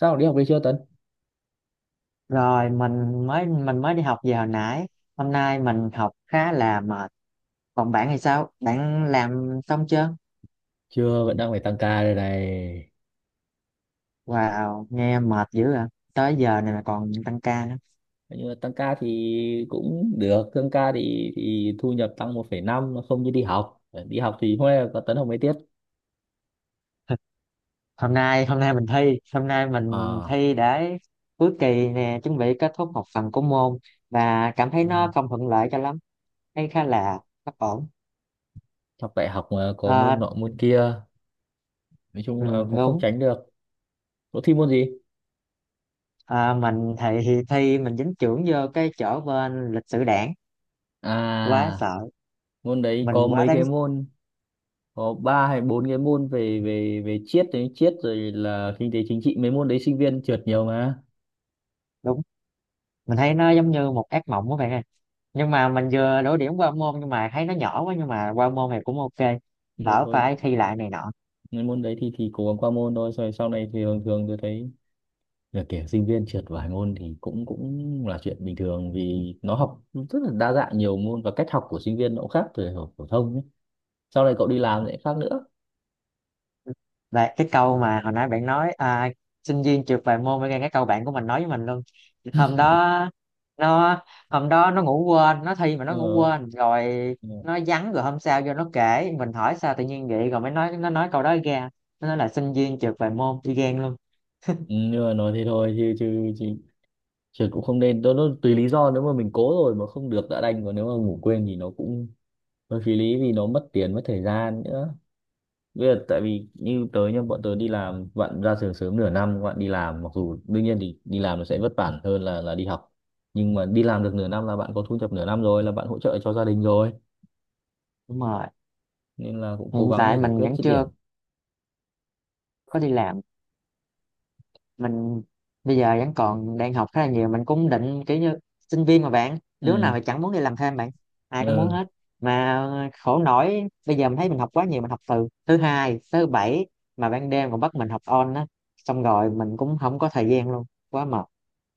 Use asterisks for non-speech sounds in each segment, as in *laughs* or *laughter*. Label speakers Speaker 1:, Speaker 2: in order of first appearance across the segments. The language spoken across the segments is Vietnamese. Speaker 1: Sao đi học về chưa, Tấn?
Speaker 2: Rồi, mình mới đi học về hồi nãy. Hôm nay mình học khá là mệt. Còn bạn thì sao? Bạn làm xong chưa?
Speaker 1: Chưa, vẫn đang phải tăng ca đây này.
Speaker 2: Wow, nghe mệt dữ à. Tới giờ này mà còn tăng ca nữa.
Speaker 1: Nhưng mà tăng ca thì cũng được, tăng ca thì thu nhập tăng 1,5, nó không như đi học. Đi học thì hôm nay là có Tấn học mấy tiết?
Speaker 2: Hôm nay mình
Speaker 1: À.
Speaker 2: thi để cuối kỳ nè, chuẩn bị kết thúc một phần của môn, và cảm thấy
Speaker 1: Ừ,
Speaker 2: nó không thuận lợi cho lắm. Thấy khá là bất ổn.
Speaker 1: học đại học mà có môn
Speaker 2: Ờ,
Speaker 1: nọ môn kia, nói chung
Speaker 2: ừ,
Speaker 1: là cũng không
Speaker 2: đúng.
Speaker 1: tránh được. Có thi môn gì?
Speaker 2: Ờ, mình thì thi, mình dính chưởng vô cái chỗ bên lịch sử đảng, quá
Speaker 1: À,
Speaker 2: sợ.
Speaker 1: môn đấy
Speaker 2: Mình
Speaker 1: có
Speaker 2: quá
Speaker 1: mấy
Speaker 2: đáng.
Speaker 1: cái môn? Có ba hay bốn cái môn về về về triết đấy, triết rồi là kinh tế chính trị, mấy môn đấy sinh viên trượt nhiều mà.
Speaker 2: Đúng, mình thấy nó giống như một ác mộng của bạn ơi. Nhưng mà mình vừa đổ điểm qua môn, nhưng mà thấy nó nhỏ quá, nhưng mà qua môn này cũng ok,
Speaker 1: Rồi
Speaker 2: đỡ
Speaker 1: thôi,
Speaker 2: phải thi lại này nọ.
Speaker 1: mấy môn đấy thì cố gắng qua môn thôi. Rồi sau này thì thường thường tôi thấy là kiểu sinh viên trượt vài môn thì cũng cũng là chuyện bình thường, vì nó học rất là đa dạng nhiều môn, và cách học của sinh viên nó cũng khác từ học phổ thông nhé. Sau này cậu đi làm lại khác nữa.
Speaker 2: Và cái câu mà hồi nãy bạn nói à, sinh viên trượt vài môn, với cái câu bạn của mình nói với mình luôn hôm đó. Nó hôm đó nó ngủ quên, nó thi mà
Speaker 1: Ờ.
Speaker 2: nó ngủ quên rồi
Speaker 1: Ừ.
Speaker 2: nó vắng, rồi hôm sau vô nó kể, mình hỏi sao tự nhiên vậy, rồi mới nói, nó nói câu đó ra. Nó nói là sinh viên trượt vài môn đi ghen luôn.
Speaker 1: Nhưng mà nói thế thôi chứ chứ, chứ trượt cũng không nên. Nó tùy lý do, nếu mà mình cố rồi mà không được đã đành, còn nếu mà ngủ quên thì nó cũng hơi phí lý vì nó mất tiền mất thời gian nữa. Bây giờ tại vì như tớ, nhưng bọn tớ đi làm, bạn ra trường sớm nửa năm, các bạn đi làm, mặc dù đương nhiên thì đi làm nó sẽ vất vả hơn là đi học, nhưng mà đi làm được nửa năm là bạn có thu nhập nửa năm rồi, là bạn hỗ trợ cho gia đình rồi,
Speaker 2: Đúng rồi,
Speaker 1: nên là cũng cố
Speaker 2: hiện
Speaker 1: gắng để
Speaker 2: tại
Speaker 1: giải
Speaker 2: mình
Speaker 1: quyết
Speaker 2: vẫn
Speaker 1: dứt điểm.
Speaker 2: chưa có đi làm. Mình bây giờ vẫn còn đang học khá là nhiều, mình cũng định kiểu như, sinh viên mà bạn, đứa
Speaker 1: Ừ.
Speaker 2: nào thì chẳng muốn đi làm thêm bạn, ai cũng muốn
Speaker 1: Ừ.
Speaker 2: hết. Mà khổ nổi bây giờ mình thấy mình học quá nhiều, mình học từ thứ hai tới thứ bảy, mà ban đêm còn bắt mình học on á, xong rồi mình cũng không có thời gian luôn, quá mệt.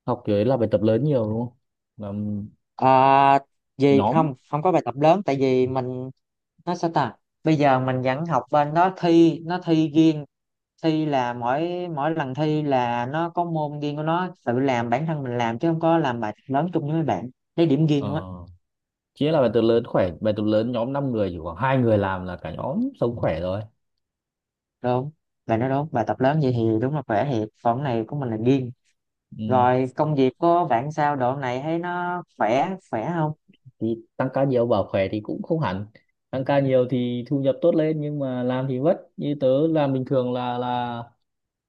Speaker 1: Học thì ấy là bài tập lớn nhiều đúng không? Làm
Speaker 2: Ờ, gì
Speaker 1: nhóm?
Speaker 2: không, không có bài tập lớn tại vì mình, nó sao ta, bây giờ mình vẫn học bên đó, thi nó thi riêng. Thi là mỗi mỗi lần thi là nó có môn riêng của nó, tự làm bản thân mình làm chứ không có làm bài tập lớn chung với mấy bạn, lấy điểm riêng
Speaker 1: Ờ.
Speaker 2: luôn á.
Speaker 1: Chỉ là bài tập lớn khỏe, bài tập lớn nhóm 5 người chỉ khoảng hai người làm là cả nhóm sống khỏe rồi.
Speaker 2: Đúng, bạn nói đúng, bài tập lớn vậy thì đúng là khỏe thiệt, còn cái này của mình là riêng.
Speaker 1: Ừ.
Speaker 2: Rồi công việc của bạn sao, độ này thấy nó khỏe khỏe không?
Speaker 1: Thì tăng ca nhiều bảo khỏe thì cũng không hẳn. Tăng ca nhiều thì thu nhập tốt lên, nhưng mà làm thì vất. Như tớ làm bình thường là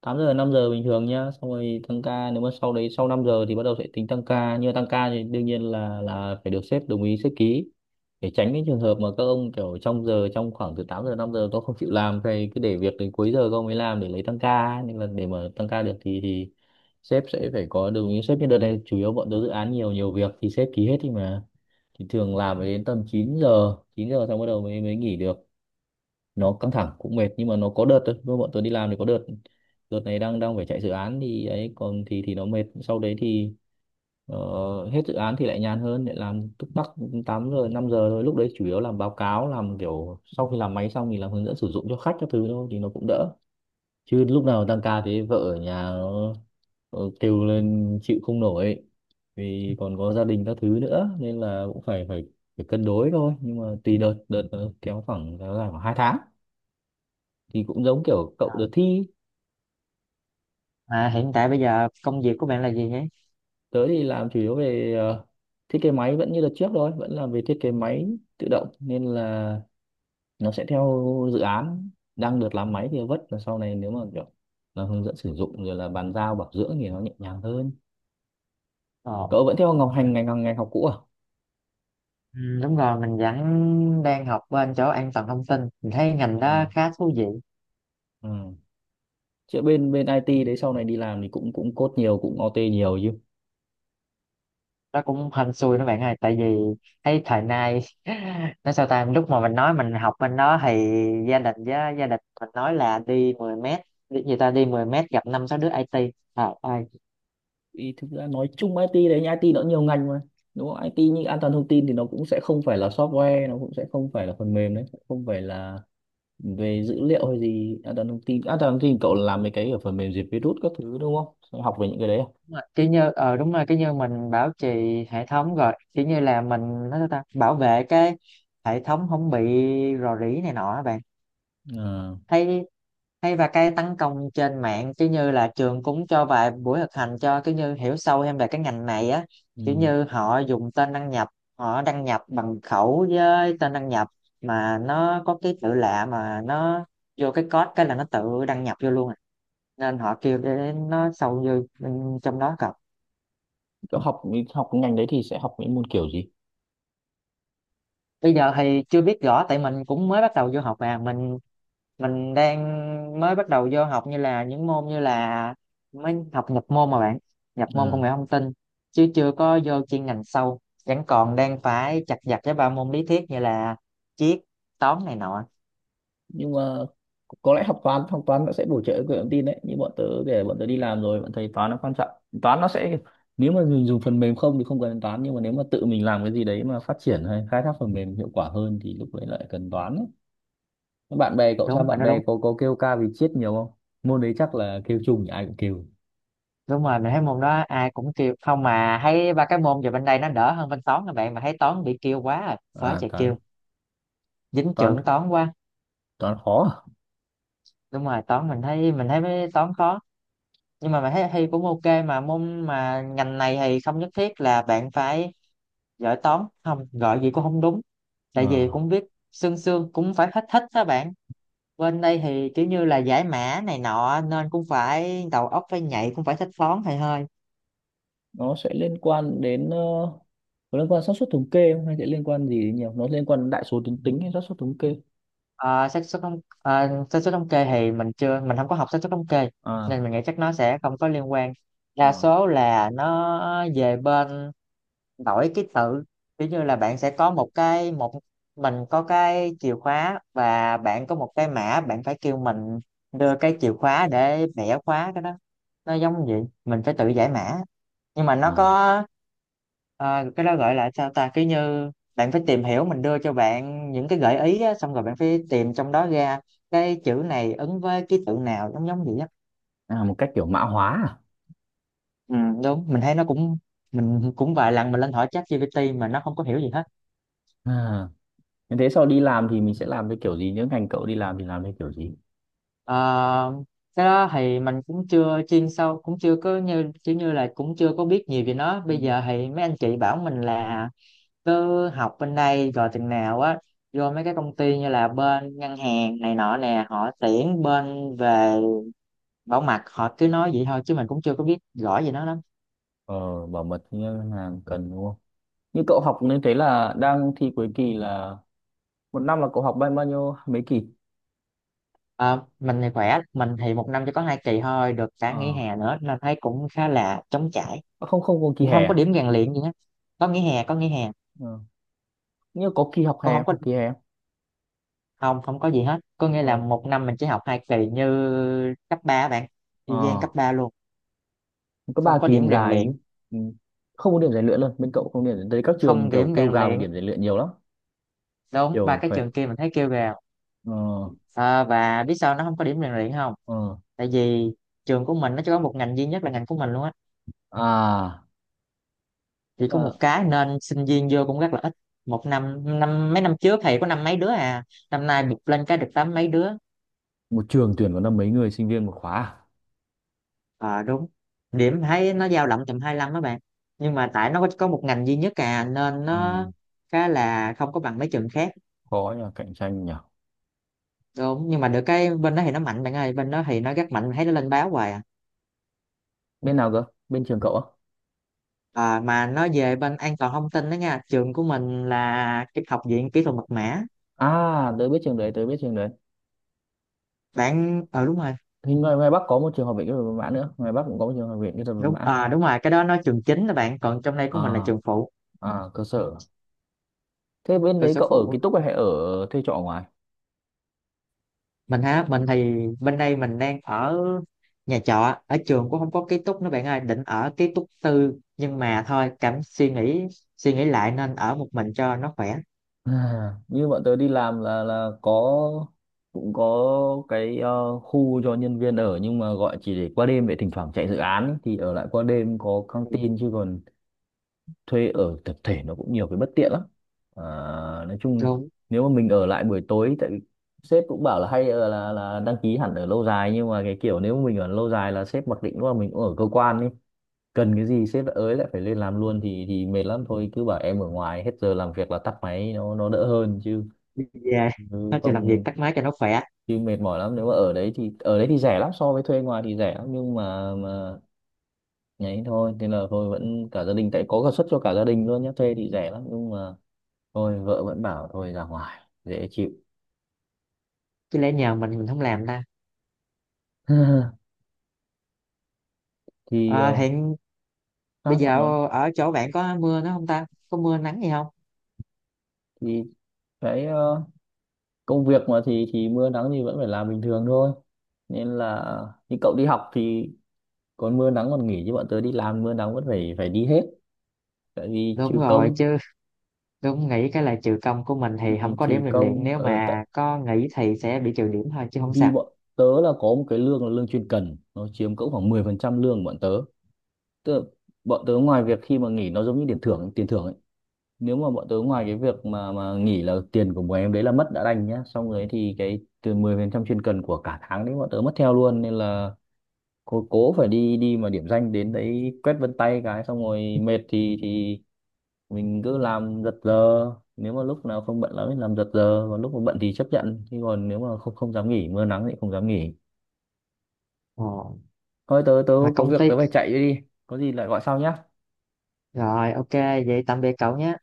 Speaker 1: 8 giờ 5 giờ bình thường nhá, xong rồi tăng ca. Nếu mà sau đấy, sau 5 giờ thì bắt đầu sẽ tính tăng ca. Nhưng mà tăng ca thì đương nhiên là phải được sếp đồng ý, sếp ký, để tránh cái trường hợp mà các ông kiểu trong giờ, trong khoảng từ 8 giờ 5 giờ tôi không chịu làm, thì cứ để việc đến cuối giờ các ông mới làm để lấy tăng ca ấy. Nên là để mà tăng ca được thì sếp sẽ phải có đồng ý sếp. Như đợt này chủ yếu bọn tớ dự án nhiều, nhiều việc thì sếp ký hết đi mà, thì thường làm phải đến tầm 9 giờ. Chín giờ xong bắt đầu mới mới nghỉ được. Nó căng thẳng cũng mệt, nhưng mà nó có đợt thôi. Lúc bọn tôi đi làm thì có đợt, đợt này đang đang phải chạy dự án thì ấy, còn thì nó mệt. Sau đấy thì ờ, hết dự án thì lại nhàn hơn, lại làm túc tắc 8 giờ 5 giờ thôi. Lúc đấy chủ yếu làm báo cáo, làm kiểu sau khi làm máy xong thì làm hướng dẫn sử dụng cho khách các thứ thôi, thì nó cũng đỡ. Chứ lúc nào tăng ca thế vợ ở nhà nó kêu lên chịu không nổi. Vì còn có gia đình các thứ nữa nên là cũng phải phải phải cân đối thôi. Nhưng mà tùy đợt, đợt nó kéo dài khoảng 2 tháng, thì cũng giống kiểu cậu đợt thi.
Speaker 2: À, hiện tại bây giờ công việc của bạn là gì nhé?
Speaker 1: Tới thì làm chủ yếu về thiết kế máy, vẫn như đợt trước thôi, vẫn làm về thiết kế máy tự động, nên là nó sẽ theo dự án. Đang được làm máy thì vất, là sau này nếu mà kiểu là hướng dẫn sử dụng rồi là bàn giao bảo dưỡng thì nó nhẹ nhàng hơn.
Speaker 2: Ồ.
Speaker 1: Cậu vẫn theo ngọc hành ngành ngành học cũ à?
Speaker 2: Ừ, đúng rồi, mình vẫn đang học bên chỗ an toàn thông tin, mình thấy ngành đó
Speaker 1: À.
Speaker 2: khá thú vị.
Speaker 1: À. Chứ bên bên IT đấy sau này đi làm thì cũng cũng code nhiều, cũng OT nhiều chứ?
Speaker 2: Nó cũng hên xui đó bạn ơi, tại vì thấy thời nay *laughs* nó sao ta, lúc mà mình nói mình học bên đó thì gia đình, với gia đình mình nói là đi 10 mét, đi người ta đi 10 mét gặp năm sáu đứa IT à, ai.
Speaker 1: Ý, thực ra nói chung IT đấy, nhưng IT nó nhiều ngành mà đúng không? IT như an toàn thông tin thì nó cũng sẽ không phải là software, nó cũng sẽ không phải là phần mềm đấy, không phải là về dữ liệu hay gì. An toàn thông tin, an toàn thông tin cậu làm mấy cái ở phần mềm diệt virus các thứ đúng không, sẽ học về những cái đấy à?
Speaker 2: Đúng rồi. Kiểu như đúng rồi, kiểu như mình bảo trì hệ thống, rồi kiểu như là mình, nó sao ta, bảo vệ cái hệ thống không bị rò rỉ này nọ á bạn.
Speaker 1: À.
Speaker 2: Thấy hay. Và cái tấn công trên mạng cứ như là trường cũng cho vài buổi thực hành cho, cứ như hiểu sâu thêm về cái ngành này á. Kiểu
Speaker 1: Ừ.
Speaker 2: như họ dùng tên đăng nhập, họ đăng nhập bằng khẩu với tên đăng nhập, mà nó có cái tự lạ mà nó vô cái code cái là nó tự đăng nhập vô luôn à. Nên họ kêu để nó sâu vô bên trong đó cập.
Speaker 1: cậu học Học cái ngành đấy thì sẽ học những môn kiểu gì?
Speaker 2: Bây giờ thì chưa biết rõ tại mình cũng mới bắt đầu vô học, mà mình đang mới bắt đầu vô học như là những môn như là mới học nhập môn mà bạn, nhập môn công
Speaker 1: À.
Speaker 2: nghệ thông tin, chứ chưa có vô chuyên ngành sâu, vẫn còn đang phải chặt vặt với ba môn lý thuyết như là triết, toán này nọ.
Speaker 1: Nhưng mà có lẽ học toán, học toán nó sẽ bổ trợ công nghệ thông tin đấy. Như bọn tớ để bọn tớ đi làm rồi, bọn thấy toán nó quan trọng. Toán nó sẽ, nếu mà dùng phần mềm không thì không cần đến toán, nhưng mà nếu mà tự mình làm cái gì đấy mà phát triển hay khai thác phần mềm hiệu quả hơn thì lúc đấy lại cần toán ấy. Thế bạn bè cậu sao,
Speaker 2: Đúng, bạn
Speaker 1: bạn
Speaker 2: nói
Speaker 1: bè
Speaker 2: đúng.
Speaker 1: có kêu ca vì triết nhiều không? Môn đấy chắc là kêu chung, ai cũng kêu.
Speaker 2: Đúng rồi, mình thấy môn đó ai cũng kêu, không mà thấy ba cái môn về bên đây nó đỡ hơn bên toán, các bạn mà thấy toán bị kêu quá à,
Speaker 1: À,
Speaker 2: quá trời
Speaker 1: toán,
Speaker 2: kêu. Dính
Speaker 1: toán,
Speaker 2: trưởng toán quá.
Speaker 1: toán khó.
Speaker 2: Đúng rồi, toán mình thấy mấy toán khó. Nhưng mà mình thấy thi cũng ok, mà môn mà ngành này thì không nhất thiết là bạn phải giỏi toán, không gọi gì cũng không đúng,
Speaker 1: À.
Speaker 2: tại vì
Speaker 1: À,
Speaker 2: cũng viết sương sương cũng phải hết, thích đó bạn. Bên đây thì kiểu như là giải mã này nọ nên cũng phải đầu óc phải nhạy, cũng phải thích toán thầy hơi.
Speaker 1: nó sẽ liên quan đến có liên quan xác suất thống kê không, hay sẽ liên quan gì đến nhiều, nó liên quan đến đại số tuyến tính hay xác suất thống kê?
Speaker 2: Ờ, xác suất thống, xác suất thống kê thì mình chưa, mình không có học xác suất thống kê,
Speaker 1: À.
Speaker 2: nên mình nghĩ chắc nó sẽ không có liên quan. Đa
Speaker 1: À.
Speaker 2: số là nó về bên đổi ký tự. Ví như là bạn sẽ có một cái, một, mình có cái chìa khóa và bạn có một cái mã, bạn phải kêu mình đưa cái chìa khóa để bẻ khóa cái đó. Nó giống vậy, mình phải tự giải mã. Nhưng mà nó
Speaker 1: À.
Speaker 2: có, cái đó gọi là sao ta, cứ như bạn phải tìm hiểu, mình đưa cho bạn những cái gợi ý á, xong rồi bạn phải tìm trong đó ra cái chữ này ứng với ký tự nào, giống giống vậy á.
Speaker 1: À, một cách kiểu mã hóa.
Speaker 2: Ừ, đúng, mình thấy nó cũng, mình cũng vài lần mình lên hỏi ChatGPT mà nó không có hiểu gì hết.
Speaker 1: À? À, như thế sau đi làm thì mình sẽ làm với kiểu gì? Nếu ngành cậu đi làm thì làm với kiểu gì?
Speaker 2: Ờ, cái đó thì mình cũng chưa chuyên sâu, cũng chưa có như kiểu như là cũng chưa có biết nhiều về nó.
Speaker 1: Ừ.
Speaker 2: Bây giờ thì mấy anh chị bảo mình là cứ học bên đây rồi chừng nào á vô mấy cái công ty như là bên ngân hàng này nọ nè, họ tuyển bên về bảo mật, họ cứ nói vậy thôi chứ mình cũng chưa có biết rõ về nó lắm.
Speaker 1: Ờ, bảo mật thì ngân hàng cần đúng không? Như cậu học nên thế là đang thi cuối kỳ, là một năm là cậu học bao bao nhiêu mấy kỳ?
Speaker 2: Ờ, mình thì khỏe, mình thì một năm chỉ có hai kỳ thôi, được cả nghỉ
Speaker 1: Ờ.
Speaker 2: hè nữa nên thấy cũng khá là trống trải,
Speaker 1: À, không không có kỳ
Speaker 2: cũng
Speaker 1: hè
Speaker 2: không có
Speaker 1: à?
Speaker 2: điểm rèn luyện gì hết. Có nghỉ hè, có nghỉ hè.
Speaker 1: Ờ, như có kỳ học
Speaker 2: Cũng
Speaker 1: hè
Speaker 2: không
Speaker 1: không?
Speaker 2: có.
Speaker 1: Học kỳ hè không?
Speaker 2: Không, không có gì hết, có nghĩa là một năm mình chỉ học hai kỳ như cấp 3 bạn,
Speaker 1: Ờ,
Speaker 2: y gian cấp
Speaker 1: ờ,
Speaker 2: 3 luôn.
Speaker 1: có ba
Speaker 2: Không có
Speaker 1: kỳ
Speaker 2: điểm rèn
Speaker 1: dài chứ.
Speaker 2: luyện,
Speaker 1: Ừ. Không có điểm rèn luyện luôn, bên cậu không điểm rèn luyện. Các trường
Speaker 2: không
Speaker 1: kiểu
Speaker 2: điểm
Speaker 1: kêu
Speaker 2: rèn
Speaker 1: gào về
Speaker 2: luyện.
Speaker 1: điểm rèn luyện nhiều lắm.
Speaker 2: Đúng, ba
Speaker 1: Kiểu
Speaker 2: cái
Speaker 1: phải,
Speaker 2: trường kia mình thấy kêu gào.
Speaker 1: ờ,
Speaker 2: À, và biết sao nó không có điểm rèn luyện không?
Speaker 1: ờ,
Speaker 2: Tại vì trường của mình nó chỉ có một ngành duy nhất là ngành của mình luôn á,
Speaker 1: à,
Speaker 2: chỉ có một cái nên sinh viên vô cũng rất là ít. Một năm, năm mấy năm trước thì có năm mấy đứa à, năm nay bụt lên cái được tám mấy đứa.
Speaker 1: một trường tuyển có năm mấy người sinh viên một khóa à?
Speaker 2: Ờ đúng, điểm thấy nó dao động tầm 25 đó bạn, nhưng mà tại nó có một ngành duy nhất à nên
Speaker 1: Ừ,
Speaker 2: nó khá là không có bằng mấy trường khác.
Speaker 1: khó nhờ, cạnh tranh nhỉ.
Speaker 2: Đúng, nhưng mà được cái bên đó thì nó mạnh bạn ơi, bên đó thì nó rất mạnh, thấy nó lên báo hoài à.
Speaker 1: Bên nào cơ? Bên trường cậu á?
Speaker 2: Ờ, mà nó về bên an toàn thông tin đó nha, trường của mình là cái Học viện Kỹ thuật Mật mã.
Speaker 1: À, tớ biết trường đấy, tớ biết trường đấy.
Speaker 2: Bạn, ờ đúng rồi.
Speaker 1: Thì ngoài Bắc có một trường học viện kỹ thuật Văn mã nữa, ngoài Bắc cũng có một trường học viện kỹ thuật Văn
Speaker 2: Đúng,
Speaker 1: mã.
Speaker 2: ờ đúng rồi, cái đó nó trường chính đó bạn, còn trong đây của mình là
Speaker 1: À.
Speaker 2: trường phụ,
Speaker 1: À, cơ sở. Thế bên
Speaker 2: cơ
Speaker 1: đấy
Speaker 2: sở
Speaker 1: cậu ở ký
Speaker 2: phụ.
Speaker 1: túc hay ở thuê trọ ngoài? *laughs*
Speaker 2: Mình hả, mình thì bên đây mình đang ở nhà trọ, ở trường cũng không có ký túc nữa bạn ơi, định ở ký túc tư nhưng mà thôi, cảm suy nghĩ lại nên ở một mình cho nó khỏe.
Speaker 1: À, như bọn tớ đi làm là có, cũng có cái khu cho nhân viên ở, nhưng mà gọi chỉ để qua đêm, để thỉnh thoảng chạy dự án ấy, thì ở lại qua đêm có căng tin. Chứ còn thuê ở tập thể nó cũng nhiều cái bất tiện lắm. À, nói chung
Speaker 2: Đúng,
Speaker 1: nếu mà mình ở lại buổi tối, tại vì sếp cũng bảo là hay là đăng ký hẳn ở lâu dài. Nhưng mà cái kiểu nếu mà mình ở lâu dài là sếp mặc định là mình cũng ở cơ quan đi, cần cái gì sếp lại ới lại phải lên làm luôn, thì mệt lắm. Thôi cứ bảo em ở ngoài, hết giờ làm việc là tắt máy, nó đỡ hơn chứ,
Speaker 2: đi về,
Speaker 1: chứ
Speaker 2: nó cho làm việc
Speaker 1: không,
Speaker 2: tắt máy cho nó khỏe,
Speaker 1: chứ mệt mỏi lắm nếu mà ở đấy. Thì ở đấy thì rẻ lắm so với thuê ngoài thì rẻ lắm, nhưng mà nhảy thôi, thế là thôi vẫn cả gia đình, tại có cả suất cho cả gia đình luôn nhé, thuê thì rẻ lắm nhưng mà thôi, vợ vẫn bảo thôi ra ngoài dễ chịu.
Speaker 2: chứ lẽ nhờ mình không làm ta.
Speaker 1: *laughs* Thì
Speaker 2: Ờ, hiện bây
Speaker 1: các bọn
Speaker 2: giờ
Speaker 1: nó,
Speaker 2: ở chỗ bạn có mưa nữa không ta, có mưa nắng gì không?
Speaker 1: thì cái công việc mà thì mưa nắng thì vẫn phải làm bình thường thôi. Nên là, như cậu đi học thì còn mưa nắng còn nghỉ, chứ bọn tớ đi làm mưa nắng vẫn phải phải đi hết. Tại vì
Speaker 2: Đúng
Speaker 1: trừ
Speaker 2: rồi,
Speaker 1: công,
Speaker 2: chứ đúng, nghĩ cái là trừ công của mình thì
Speaker 1: thì
Speaker 2: không có
Speaker 1: trừ
Speaker 2: điểm rèn luyện,
Speaker 1: công
Speaker 2: nếu
Speaker 1: tại
Speaker 2: mà có nghỉ thì sẽ bị trừ điểm thôi chứ không
Speaker 1: vì
Speaker 2: sao.
Speaker 1: bọn tớ là có một cái lương là lương chuyên cần, nó chiếm cỡ khoảng 10% lương của bọn tớ. Tức là bọn tớ ngoài việc khi mà nghỉ, nó giống như tiền thưởng, tiền thưởng ấy. Nếu mà bọn tớ ngoài cái việc mà nghỉ là tiền của bọn em đấy là mất đã đành nhá, xong rồi thì cái từ 10% chuyên cần của cả tháng đấy bọn tớ mất theo luôn. Nên là cố cố phải đi, đi mà điểm danh, đến đấy quét vân tay cái xong rồi mệt thì mình cứ làm giật giờ. Nếu mà lúc nào không bận lắm thì làm giật giờ, còn lúc mà bận thì chấp nhận. Chứ còn nếu mà không không dám nghỉ, mưa nắng thì không dám nghỉ.
Speaker 2: Ờ,
Speaker 1: Thôi tớ tớ
Speaker 2: mà
Speaker 1: có
Speaker 2: công
Speaker 1: việc
Speaker 2: ty.
Speaker 1: tớ phải chạy đi, có gì lại gọi sau nhá
Speaker 2: Rồi, ok, vậy tạm biệt cậu nhé.